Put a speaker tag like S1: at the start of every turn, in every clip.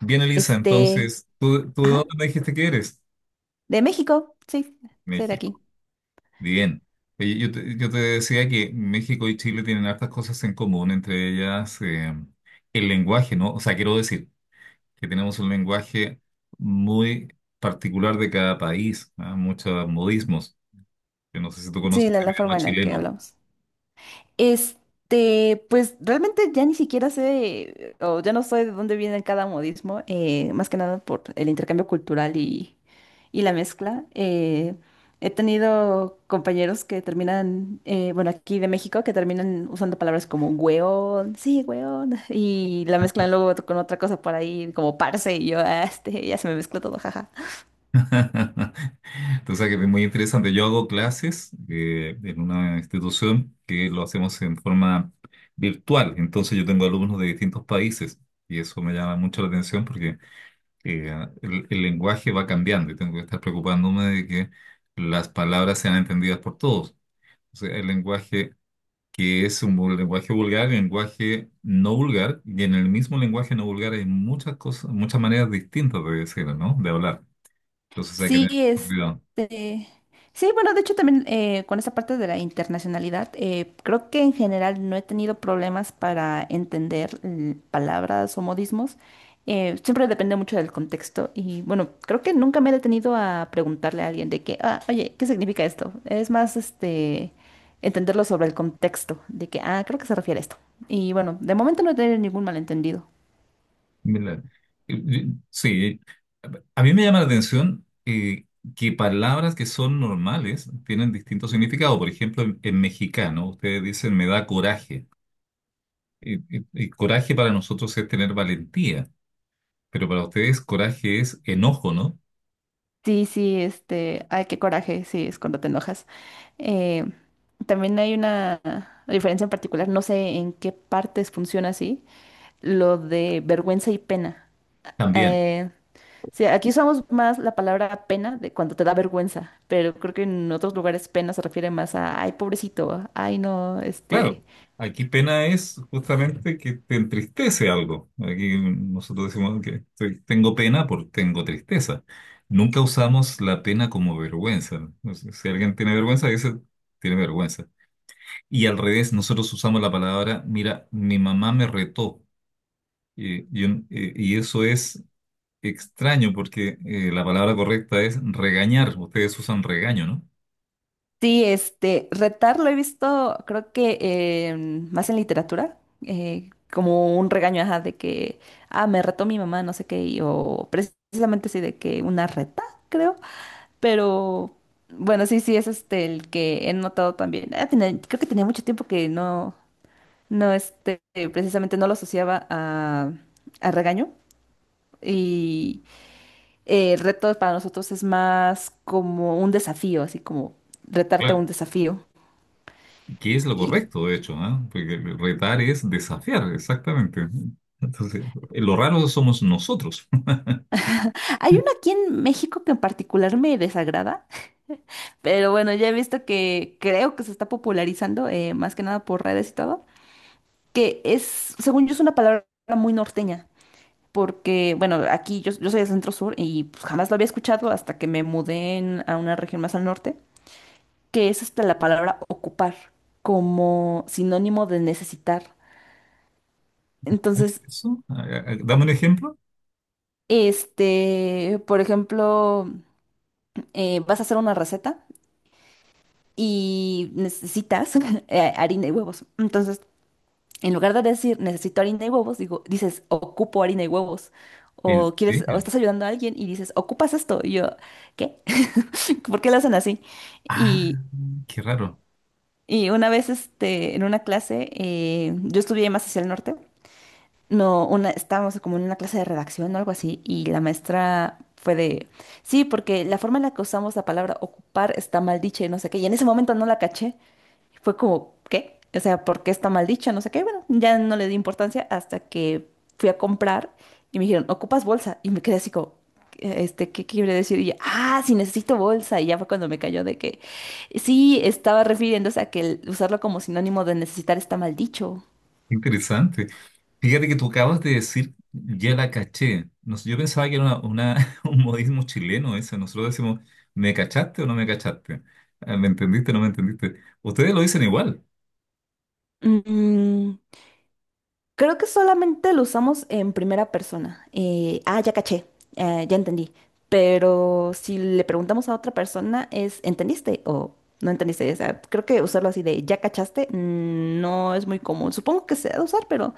S1: Bien, Elisa,
S2: Este,
S1: entonces, ¿tú de
S2: ajá,
S1: dónde me dijiste que eres?
S2: de México, sí, ser aquí.
S1: México. Bien. Oye, yo te decía que México y Chile tienen hartas cosas en común, entre ellas el lenguaje, ¿no? O sea, quiero decir que tenemos un lenguaje muy particular de cada país, ¿ah? Muchos modismos. Yo no sé si tú
S2: Sí,
S1: conoces
S2: la,
S1: el
S2: la
S1: idioma
S2: forma en la que
S1: chileno.
S2: hablamos. Pues realmente ya ni siquiera sé, o ya no sé de dónde viene cada modismo, más que nada por el intercambio cultural y la mezcla. He tenido compañeros que terminan, bueno, aquí de México, que terminan usando palabras como hueón, sí, hueón, y la mezclan luego con otra cosa por ahí, como parce, y yo, "Ah, ya se me mezcló todo, jaja.
S1: Tú sabes que es muy interesante. Yo hago clases en una institución que lo hacemos en forma virtual. Entonces yo tengo alumnos de distintos países y eso me llama mucho la atención porque eh, el lenguaje va cambiando y tengo que estar preocupándome de que las palabras sean entendidas por todos. O sea, el lenguaje que es un lenguaje vulgar, el lenguaje no vulgar y en el mismo lenguaje no vulgar hay muchas cosas, muchas maneras distintas de decirlo, ¿no? De hablar. Entonces hay que
S2: Sí,
S1: tener mucho cuidado.
S2: sí, bueno, de hecho también con esa parte de la internacionalidad, creo que en general no he tenido problemas para entender palabras o modismos. Siempre depende mucho del contexto y bueno, creo que nunca me he detenido a preguntarle a alguien de que, ah, oye, ¿qué significa esto? Es más, entenderlo sobre el contexto, de que, ah, creo que se refiere a esto. Y bueno, de momento no he tenido ningún malentendido.
S1: Mira, sí, a mí me llama la atención que palabras que son normales tienen distinto significado. Por ejemplo, en mexicano, ustedes dicen me da coraje. Coraje para nosotros es tener valentía, pero para ustedes coraje es enojo, ¿no?
S2: Sí, sí, ay, qué coraje, sí, es cuando te enojas. Eh, también hay una diferencia en particular, no sé en qué partes funciona así, lo de vergüenza y pena.
S1: También.
S2: Eh, sí, aquí usamos más la palabra pena de cuando te da vergüenza, pero creo que en otros lugares pena se refiere más a, ay, pobrecito, ay, no,
S1: Claro,
S2: este,
S1: aquí pena es justamente que te entristece algo. Aquí nosotros decimos que tengo pena por tengo tristeza. Nunca usamos la pena como vergüenza. O sea, si alguien tiene vergüenza, dice tiene vergüenza. Y al revés, nosotros usamos la palabra, mira, mi mamá me retó. Y eso es extraño porque la palabra correcta es regañar. Ustedes usan regaño, ¿no?
S2: Sí, retar lo he visto, creo más en literatura, como un regaño, ajá, de que, ah, me retó mi mamá, no sé qué, o precisamente sí, de que una reta, creo, pero bueno, sí, sí, es este el que he notado también. Creo que tenía mucho tiempo que no, no, precisamente no lo asociaba a regaño, y el reto para nosotros es más como un desafío, así como retarte a
S1: Claro,
S2: un desafío.
S1: que es lo correcto, de hecho, ¿ah? Porque retar es desafiar, exactamente. Entonces, lo raro somos nosotros.
S2: Hay uno aquí en México que en particular me desagrada, pero bueno, ya he visto que creo que se está popularizando, más que nada por redes y todo, que es, según yo, es una palabra muy norteña, porque bueno, aquí yo, yo soy de Centro Sur y pues, jamás lo había escuchado hasta que a una región más al norte, que es hasta la palabra ocupar, como sinónimo de necesitar.
S1: ¿Cómo es
S2: Entonces,
S1: eso? Dame un ejemplo.
S2: por ejemplo, vas a hacer una receta y necesitas harina y huevos. Entonces, en lugar de decir necesito harina y huevos, digo, dices ocupo harina y huevos.
S1: ¿En
S2: O quieres, o
S1: serio?
S2: estás ayudando a alguien y dices, ocupas esto. Y yo, ¿qué? ¿Por qué lo hacen así?
S1: Ah,
S2: Y,
S1: qué raro.
S2: y una vez en una clase, yo estudié más hacia el norte. No, una, estábamos como en una clase de redacción o algo así, y la maestra fue de, sí, porque la forma en la que usamos la palabra ocupar está mal dicha y no sé qué, y en ese momento no la caché, fue como, ¿qué? O sea, ¿por qué está mal dicha? No sé qué, bueno, ya no le di importancia hasta que fui a comprar y me dijeron, ¿ocupas bolsa? Y me quedé así como, ¿qué quiere decir? Y yo, ah, sí, necesito bolsa, y ya fue cuando me cayó de que, sí, estaba refiriéndose a que el usarlo como sinónimo de necesitar está mal dicho.
S1: Qué interesante. Fíjate que tú acabas de decir, ya la caché. No sé, yo pensaba que era un modismo chileno ese. Nosotros decimos, ¿me cachaste o no me cachaste? Ah, ¿me entendiste o no me entendiste? Ustedes lo dicen igual.
S2: Mm, Creo que solamente lo usamos en primera persona. Ah, ya caché, ya entendí. Pero si le preguntamos a otra persona es ¿entendiste o no entendiste? O sea, creo que usarlo así de ya cachaste no es muy común. Supongo que se ha de usar, pero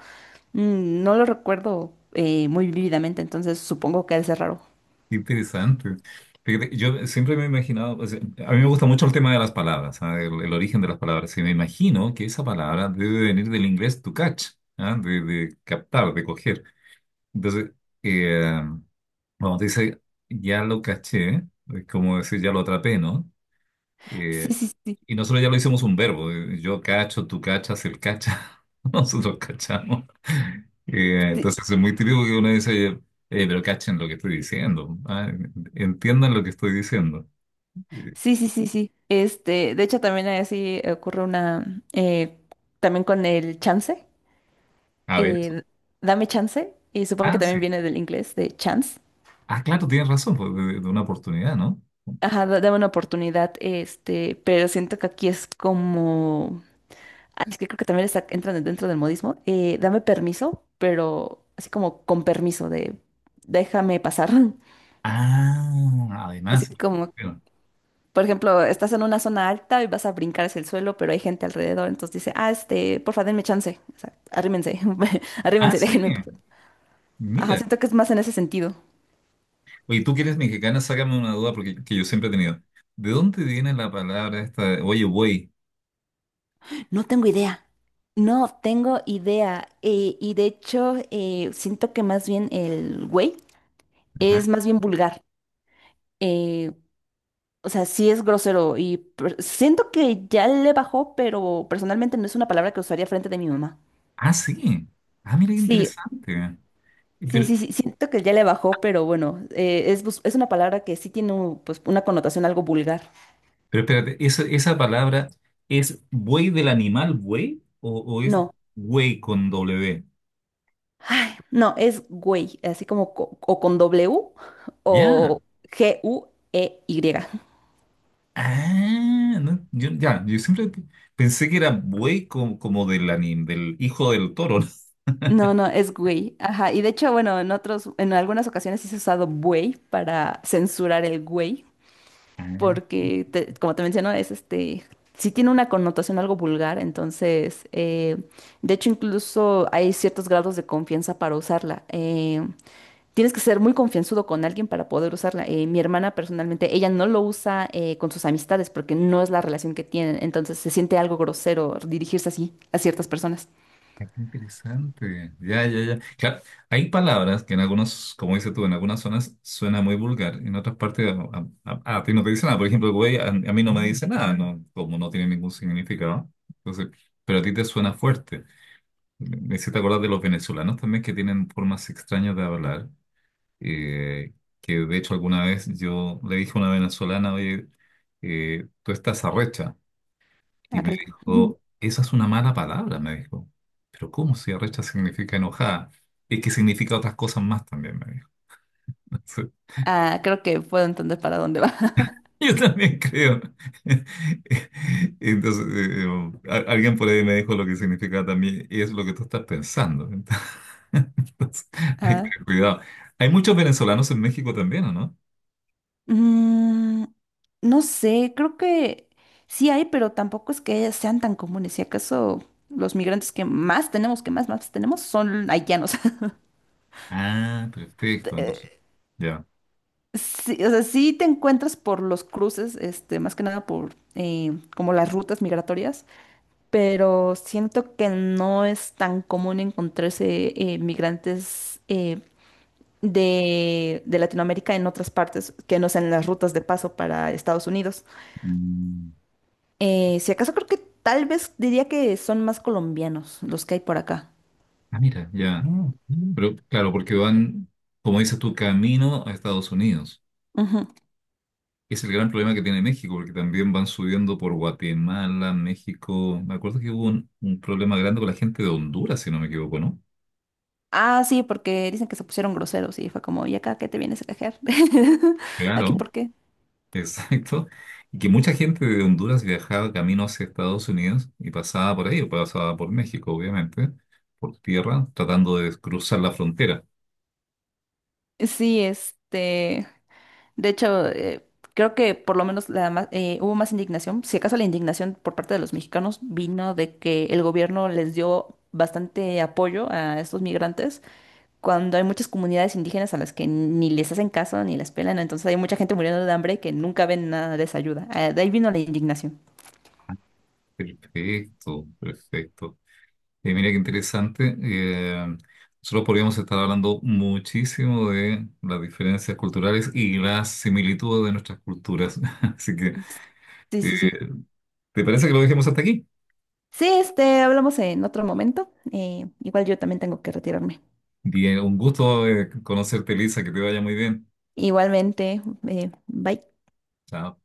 S2: no lo recuerdo muy vívidamente, entonces supongo que ha de ser raro.
S1: Qué interesante. Fíjate, yo siempre me he imaginado, o sea, a mí me gusta mucho el tema de las palabras, ¿ah? El origen de las palabras. Y me imagino que esa palabra debe venir del inglés to catch, ¿ah? De captar, de coger. Entonces, eh, cuando te dice ya lo caché, es como decir ya lo atrapé, ¿no?
S2: Sí,
S1: Eh,
S2: sí, sí,
S1: y nosotros ya lo hicimos un verbo. Yo cacho, tú cachas, él cacha. Nosotros cachamos.
S2: sí,
S1: Entonces es muy típico que uno dice, oye, pero cachen lo que estoy diciendo. Entiendan lo que estoy diciendo. Eh,
S2: sí, sí, sí, sí. De hecho, también así ocurre una, también con el chance.
S1: a ver, eso.
S2: eh, dame chance, y supongo que
S1: Ah,
S2: también
S1: sí.
S2: viene del inglés, de chance.
S1: Ah, claro, tienes razón, pues, de una oportunidad, ¿no?
S2: Ajá, dame una oportunidad, pero siento que aquí es como, ah, es que creo que también está, entran dentro del modismo, dame permiso, pero así como con permiso de déjame pasar.
S1: Ah,
S2: Así
S1: además.
S2: como,
S1: Bueno,
S2: por ejemplo, estás en una zona alta y vas a brincar hacia el suelo, pero hay gente alrededor, entonces dice, ah, porfa, denme chance, o sea, arrímense,
S1: ah,
S2: arrímense,
S1: sí.
S2: déjenme pasar. Ajá,
S1: Mira.
S2: siento que es más en ese sentido.
S1: Oye, tú que eres mexicana, sácame una duda porque que yo siempre he tenido. ¿De dónde viene la palabra esta, de, oye, güey?
S2: No tengo idea. No tengo idea. Y de hecho, siento que más bien el güey es más bien vulgar. eh, o sea, sí es grosero siento que ya le bajó, pero personalmente no es una palabra que usaría frente de mi mamá.
S1: Ah, sí. Ah, mira qué
S2: Sí,
S1: interesante.
S2: sí,
S1: Pero,
S2: sí, sí, siento que ya le bajó, pero bueno, es, es una palabra que sí tiene pues, una connotación algo vulgar.
S1: pero espérate, ¿esa palabra es buey del animal buey o es
S2: No,
S1: buey con W?
S2: ay, no, es güey, así como o con W
S1: Ya.
S2: o GUEY.
S1: Ah, no, yo siempre pensé que era buey como, como del, del hijo del toro.
S2: No, no, es güey. Ajá. Y de hecho, bueno, en otros, en algunas ocasiones sí se ha usado güey para censurar el güey, porque, como te menciono, es sí tiene una connotación algo vulgar, entonces, de hecho, incluso hay ciertos grados de confianza para usarla. Tienes que ser muy confianzudo con alguien para poder usarla. Mi hermana personalmente, ella no lo usa con sus amistades porque no es la relación que tienen, entonces se siente algo grosero dirigirse así a ciertas personas.
S1: Ah, qué interesante. Ya. Claro, hay palabras que en algunos, como dices tú, en algunas zonas suena muy vulgar, en otras partes a ti no te dice nada. Por ejemplo, güey, a mí no me dice nada, no, como no tiene ningún significado. Entonces, pero a ti te suena fuerte. Me hiciste acordar de los venezolanos también que tienen formas extrañas de hablar. eh, que de hecho alguna vez yo le dije a una venezolana, oye, tú estás arrecha. Y
S2: Ah,
S1: me
S2: caray.
S1: dijo, esa es una mala palabra, me dijo. Pero ¿cómo si arrecha significa enojada? Es que significa otras cosas más también, me dijo. Entonces,
S2: Ah, creo que puedo entender para dónde va.
S1: yo también creo. Entonces, alguien por ahí me dijo lo que significa también, y es lo que tú estás pensando. Entonces, hay que
S2: Ah,
S1: tener cuidado. Hay muchos venezolanos en México también, ¿o no?
S2: mm, no sé, creo que sí hay, pero tampoco es que sean tan comunes. Si acaso los migrantes que más tenemos, que más tenemos, son haitianos.
S1: Ah, perfecto. Entonces,
S2: Eh,
S1: ya.
S2: sí, o sea, sí te encuentras por los cruces, más que nada por como las rutas migratorias, pero siento que no es tan común encontrarse migrantes. De Latinoamérica en otras partes que no sean las rutas de paso para Estados Unidos.
S1: Mm.
S2: Si acaso creo que tal vez diría que son más colombianos los que hay por acá.
S1: Ah, mira, ya. Mm. Pero claro, porque van, como dices tú, camino a Estados Unidos.
S2: Ujú.
S1: Es el gran problema que tiene México, porque también van subiendo por Guatemala, México. Me acuerdo que hubo un problema grande con la gente de Honduras, si no me equivoco, ¿no?
S2: Ah, sí, porque dicen que se pusieron groseros y fue como, ¿y acá qué te vienes a cajear? ¿Aquí
S1: Claro,
S2: por qué?
S1: exacto. Y que mucha gente de Honduras viajaba camino hacia Estados Unidos y pasaba por ahí, o pasaba por México, obviamente, por tierra, tratando de cruzar la frontera.
S2: Sí, de hecho, creo que por lo menos hubo más indignación. Si acaso la indignación por parte de los mexicanos vino de que el gobierno les dio bastante apoyo a estos migrantes cuando hay muchas comunidades indígenas a las que ni les hacen caso ni las pelan, entonces hay mucha gente muriendo de hambre que nunca ven nada de esa ayuda. Ah, de ahí vino la indignación.
S1: Perfecto, perfecto. Mira qué interesante. Nosotros podríamos estar hablando muchísimo de las diferencias culturales y las similitudes de nuestras culturas. Así que,
S2: Sí,
S1: eh,
S2: sí, sí.
S1: ¿te parece que lo dejemos hasta aquí?
S2: Sí, hablamos en otro momento. Igual yo también tengo que retirarme.
S1: Bien, un gusto conocerte, Lisa, que te vaya muy bien.
S2: Igualmente, bye.
S1: Chao.